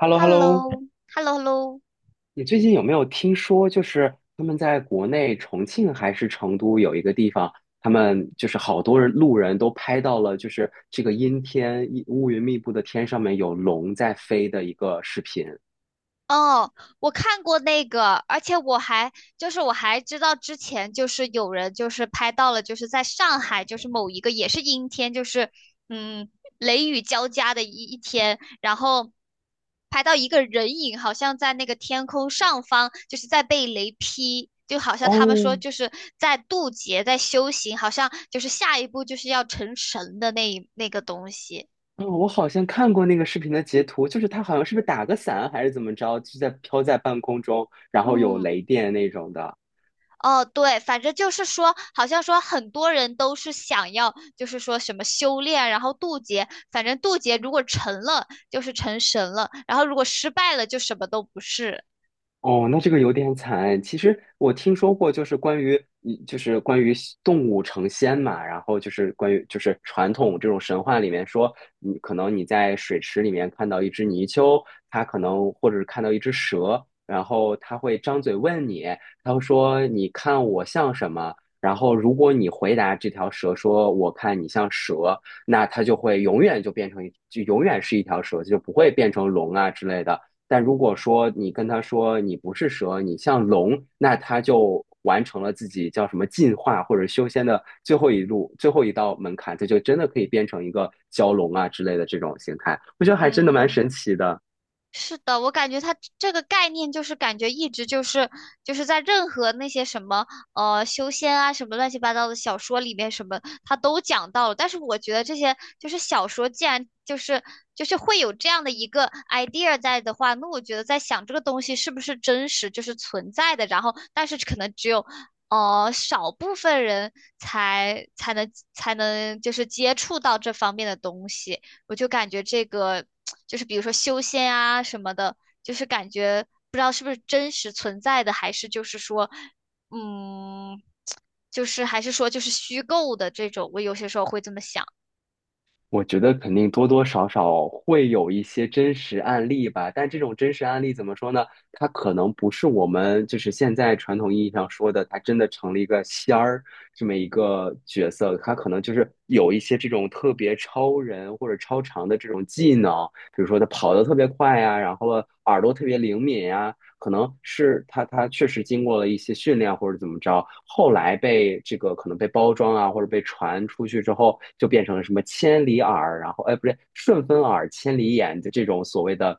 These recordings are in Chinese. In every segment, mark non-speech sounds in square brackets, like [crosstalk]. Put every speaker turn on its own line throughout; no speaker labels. h e l l
h
o h
e
e l
l
l
l
o
o h e l l o h e l l o
你最近有没有听说，就是他们在国内重庆还是成都有一个地方，他们就是好多人路人都拍到了，就是这个阴天一乌云密布的天上面有龙在飞的一个视频。
哦，我看过那个，而且我还知道之前就是有人就是拍到了，就是在上海就是某一个也是阴天，嗯雷雨交加的一天，然后拍到一个人影好像在那个天空上方，就是在被雷劈，就好像他们
哦，
说就是在渡劫，在修行，好像就是下一步就是要成神的那个东西。
嗯，我好像看过那个视频的截图，就是他好像是不是打个伞还是怎么着，就在飘在半空中，然后有
嗯。
雷电那种的。
哦，对，反正就是说，好像说很多人都是想要，就是说什么修炼，然后渡劫。反正渡劫如果成了，就是成神了；然后如果失败了，就什么都不是。
哦，那这个有点惨。其实我听说过，就是关于，就是关于动物成仙嘛，然后就是关于，就是传统这种神话里面说，你可能你在水池里面看到一只泥鳅，它可能或者是看到一只蛇，然后它会张嘴问你，它会说你看我像什么？然后如果你回答这条蛇说我看你像蛇，那它就会永远就变成一，就永远是一条蛇，就不会变成龙啊之类的。但如果说你跟他说你不是蛇，你像龙，那他就完成了自己叫什么进化或者修仙的最后一路、最后一道门槛，他就真的可以变成一个蛟龙啊之类的这种形态。我觉得还真的蛮
嗯。
神奇的。
是的，我感觉它这个概念就是感觉一直就是在任何那些什么修仙啊什么乱七八糟的小说里面什么它都讲到了，但是我觉得这些就是小说既然就是会有这样的一个 idea 在的话，那我觉得在想这个东西是不是真实就是存在的，然后但是可能只有少部分人才能就是接触到这方面的东西。我就感觉这个就是比如说修仙啊什么的，就是感觉不知道是不是真实存在的，还是就是说，嗯，就是还是说就是虚构的这种，我有些时候会这么想。
我觉得肯定多多少少会有一些真实案例吧，但这种真实案例怎么说呢？它可能不是我们就是现在传统意义上说的，它真的成了一个仙儿这么一个角色，它可能就是有一些这种特别超人或者超常的这种技能，比如说它跑得特别快呀、然后耳朵特别灵敏呀、可能是他确实经过了一些训练或者怎么着，后来被这个可能被包装啊，或者被传出去之后，就变成了什么千里耳，然后哎不对，顺风耳、千里眼的这种所谓的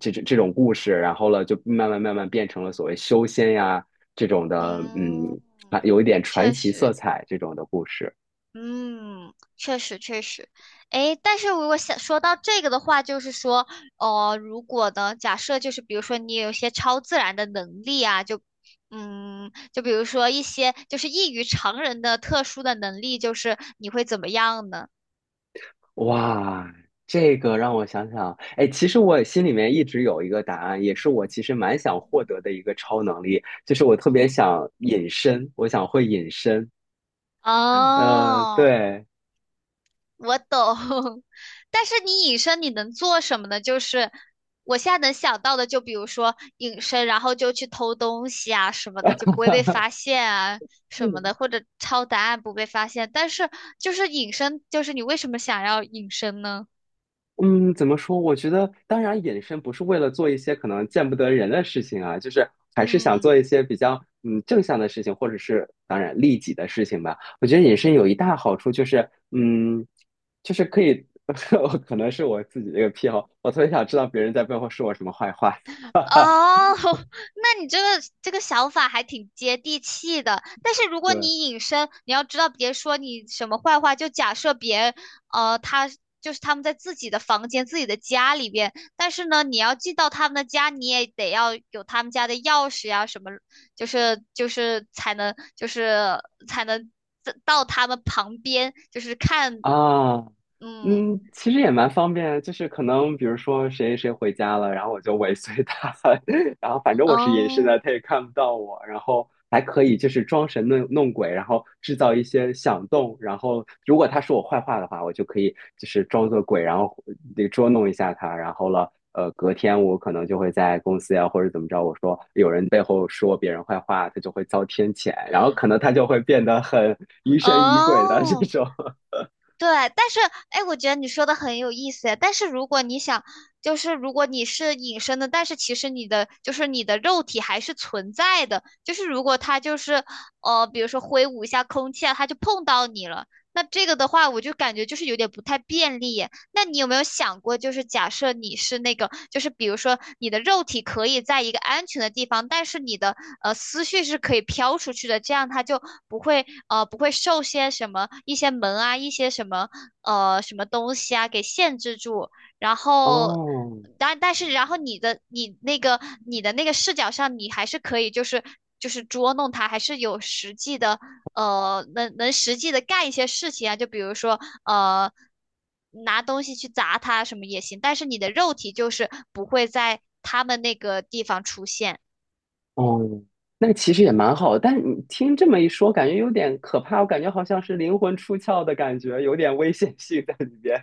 这种故事，然后了就慢慢变成了所谓修仙呀这种的，嗯，
嗯，
啊有一点传
确
奇色
实，
彩这种的故事。
嗯，确实确实，诶，但是如果想说到这个的话，就是说，哦、如果呢，假设就是比如说你有一些超自然的能力啊，就，嗯，就比如说一些就是异于常人的特殊的能力，就是你会怎么样呢？
哇，这个让我想想，哎，其实我心里面一直有一个答案，也是我其实蛮想获得的一个超能力，就是我特别
嗯，
想隐身，我想会隐身。嗯，
哦，
对，
我懂，[laughs] 但是你隐身你能做什么呢？就是我现在能想到的，就比如说隐身，然后就去偷东西啊什么的，就不会被发现啊什么的，或
[laughs]
者抄答案不被发现。但是就是隐身，就是你为什么想要隐身呢？
嗯，怎么说？我觉得，当然，隐身不是为了做一些可能见不得人的事情啊，就是还是想
嗯，
做一些比较嗯正向的事情，或者是当然利己的事情吧。我觉得隐身有一大好处就是，嗯，就是可以，[laughs] 可能是我自己的一个癖好，我特别想知道别人在背后说我什么坏话。
哦，[laughs] 那你这个想法还挺接地气的，但是如
[laughs]
果
对，
你隐身，你要知道，别说你什么坏话，就假设别人，他就是他们在自己的房间、自己的家里边，但是呢，你要进到他们的家，你也得要有他们家的钥匙呀，什么，就是才能才能到他们旁边，就是看，
啊，
嗯
嗯，其实也蛮方便，就是可能比如说谁谁回家了，然后我就尾随他，[laughs] 然后反正我是隐身的，
嗯
他也看不到我，然后还可以就是装神弄鬼，然后制造一些响动，然后如果他说我坏话的话，我就可以就是装作鬼，然后那个捉弄一下他，然后了，隔天我可能就会在公司呀或者怎么着，我说有人背后说别人坏话，他就会遭天谴，然后可能他就会变得很疑神疑鬼的这
哦。
种。
对，但是哎，我觉得你说的很有意思。但是如果你想，就是如果你是隐身的，但是其实你的肉体还是存在的。就是如果他就是比如说挥舞一下空气啊，他就碰到你了。那这个的话，我就感觉就是有点不太便利耶。那你有没有想过，就是假设你是那个，就是比如说你的肉体可以在一个安全的地方，但是你的思绪是可以飘出去的，这样他就不会不会受些什么一些门啊一些什么什么东西啊给限制住，然后。
哦
但但是，然后你那个你的那个视角上，你还是可以就是捉弄他，还是有实际的呃，能能实际的干一些事情啊，就比如说呃，拿东西去砸他什么也行，但是你的肉体就是不会在他们那个地方出现。
哦，那其实也蛮好的，但你听这么一说，感觉有点可怕，我感觉好像是灵魂出窍的感觉，有点危险性在里边。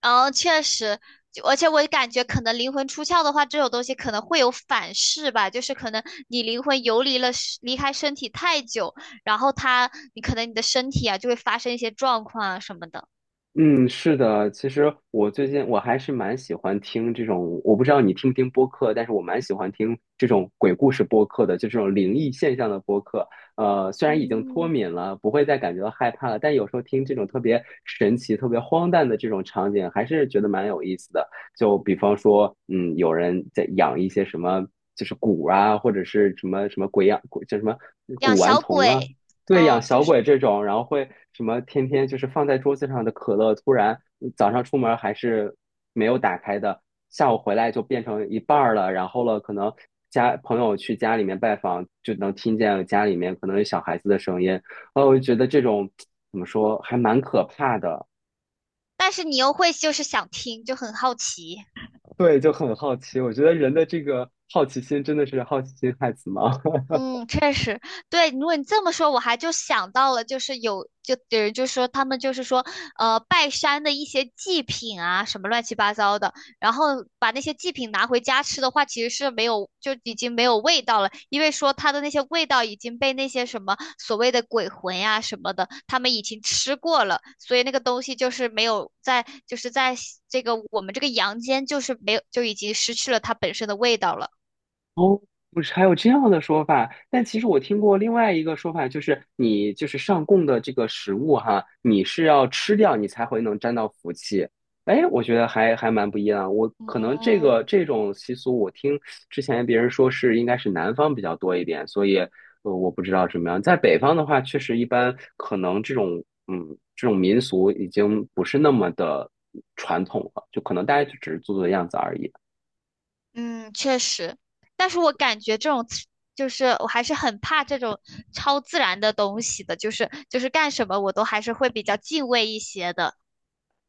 嗯，确实，就而且我感觉可能灵魂出窍的话，这种东西可能会有反噬吧，就是可能你灵魂游离了离开身体太久，然后它，你可能你的身体啊就会发生一些状况啊什么的，
嗯，是的，其实我最近我还是蛮喜欢听这种，我不知道你听不听播客，但是我蛮喜欢听这种鬼故事播客的，就这种灵异现象的播客。虽然已经脱敏了，不会再感觉到害怕了，但有时候听这种特别神奇、特别荒诞的这种场景，还是觉得蛮有意思的。就比方说，嗯，有人在养一些什么，就是蛊啊，或者是什么什么鬼养，鬼叫什么
养
古玩
小
童啊，
鬼，
对，养
嗯，就
小
是，
鬼这种，然后会什么天天就是放在桌子上的可乐，突然嗯早上出门还是没有打开的，下午回来就变成一半儿了，然后了，可能家朋友去家里面拜访，就能听见家里面可能有小孩子的声音，哦，我就觉得这种怎么说还蛮可怕的，
但是你又会就是想听，就很好奇。
对，就很好奇，我觉得人的这个好奇心真的是好奇心害死猫，
嗯，确实，对。如果你这么说，我还就想到了，就是就有人就说他们就是说，拜山的一些祭品啊，什么乱七八糟的，然后把那些祭品拿回家吃的话，其实是没有，就已经没有味道了，因为说它的那些味道已经被那些什么所谓的鬼魂呀、什么的，他们已经吃过了，所以那个东西就是没有在，就是在这个我们这个阳间，就是没有，就已经失去了它本身的味道了。
哦，不是，还有这样的说法。但其实我听过另外一个说法，就是你就是上供的这个食物哈，你是要吃掉你才会能沾到福气。哎，我觉得还蛮不一样。我可能这
嗯。
个这种习俗，我听之前别人说是应该是南方比较多一点，所以我不知道怎么样。在北方的话，确实一般可能这种嗯这种民俗已经不是那么的传统了，就可能大家就只是做做样子而已。
嗯，确实，但是我感觉这种自就是我还是很怕这种超自然的东西的，就是干什么我都还是会比较敬畏一些的。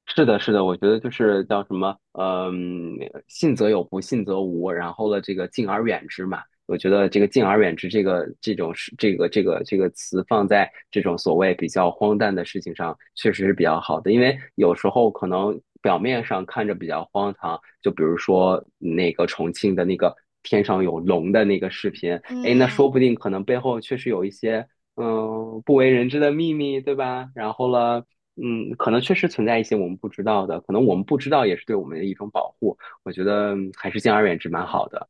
是的，是的，我觉得就是叫什么，嗯，信则有，不信则无。然后呢，这个敬而远之嘛，我觉得这个敬而远之这个这种事，这个词放在这种所谓比较荒诞的事情上，确实是比较好的。因为有时候可能表面上看着比较荒唐，就比如说那个重庆的那个天上有龙的那个视频，哎，那说
嗯。
不定可能背后确实有一些。嗯，不为人知的秘密，对吧？然后呢？嗯，可能确实存在一些我们不知道的，可能我们不知道也是对我们的一种保护。我觉得嗯还是敬而远之蛮好的。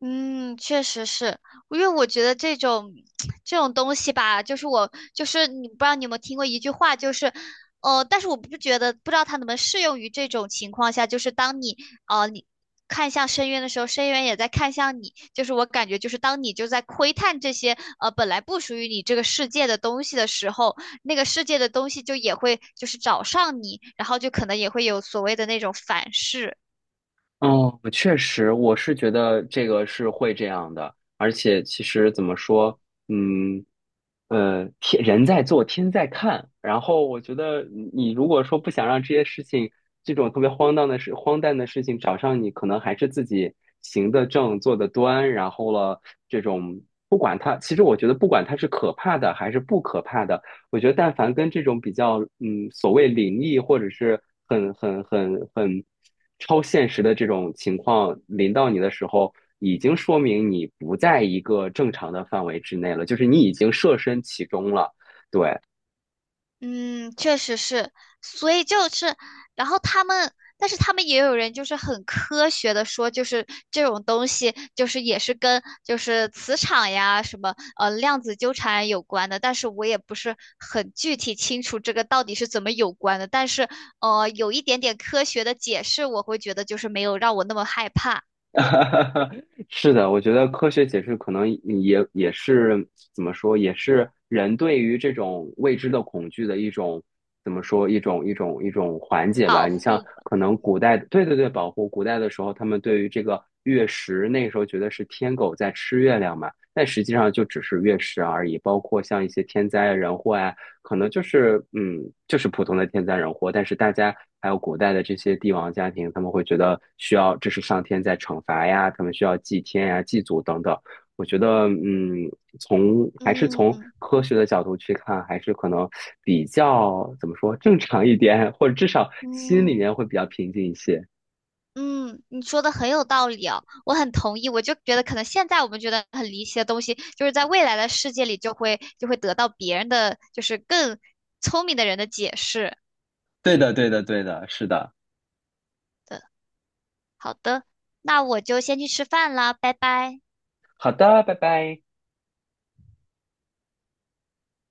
嗯，确实是，因为我觉得这种 [tsk] 这种东西吧，就是我就是你不知道你有没有听过一句话，就是呃，但是我不觉得不知道它能不能适用于这种情况下，就是当你呃你看向深渊的时候，深渊也在看向你，就是我感觉就是当你就在窥探这些本来不属于你这个世界的东西的时候，那个世界的东西就也会就是找上你，然后就可能也会有所谓的那种反噬。
嗯，确实，我是觉得这个是会这样的，而且其实怎么说，嗯，天人在做，天在看。然后我觉得你如果说不想让这些事情，这种特别荒诞的事、荒诞的事情找上你，可能还是自己行得正、坐得端。然后了，这种不管它，其实我觉得不管它是可怕的还是不可怕的，我觉得但凡跟这种比较，嗯，所谓灵异或者是很超现实的这种情况临到你的时候，已经说明你不在一个正常的范围之内了，就是你已经设身其中了。对，
嗯，确实是，所以就是，然后他们，但是他们也有人就是很科学的说，就是这种东西就是也是跟就是磁场呀什么量子纠缠有关的，但是我也不是很具体清楚这个到底是怎么有关的，但是有一点点科学的解释，我会觉得就是没有让我那么害怕
[laughs] 是的，我觉得科学解释可能也是怎么说，也是人对于这种未知的恐惧的一种怎么说，一种缓解吧。
保
你像
护吧
可能古代，对对对，保护古代的时候，他们对于这个月食，那时候觉得是天狗在吃月亮嘛，但实际上就只是月食而已。包括像一些天灾啊人祸啊可能就是嗯，就是普通的天灾人祸，但是大家还有古代的这些帝王家庭，他们会觉得需要这是上天在惩罚呀，他们需要祭天呀、祭祖等等。我觉得嗯，从还是从
嗯
科学的角度去看，还是可能比较怎么说正常一点，或者至少心里
嗯。
面会比较平静一些。
嗯，你说的很有道理哦，我很同意。我就觉得，可能现在我们觉得很离奇的东西，就是在未来的世界里就会得到别人的，就是更聪明的人的解释
对的，对的，对的，是的。
的。好的，那我就先去吃饭啦，拜拜。
好的，拜拜。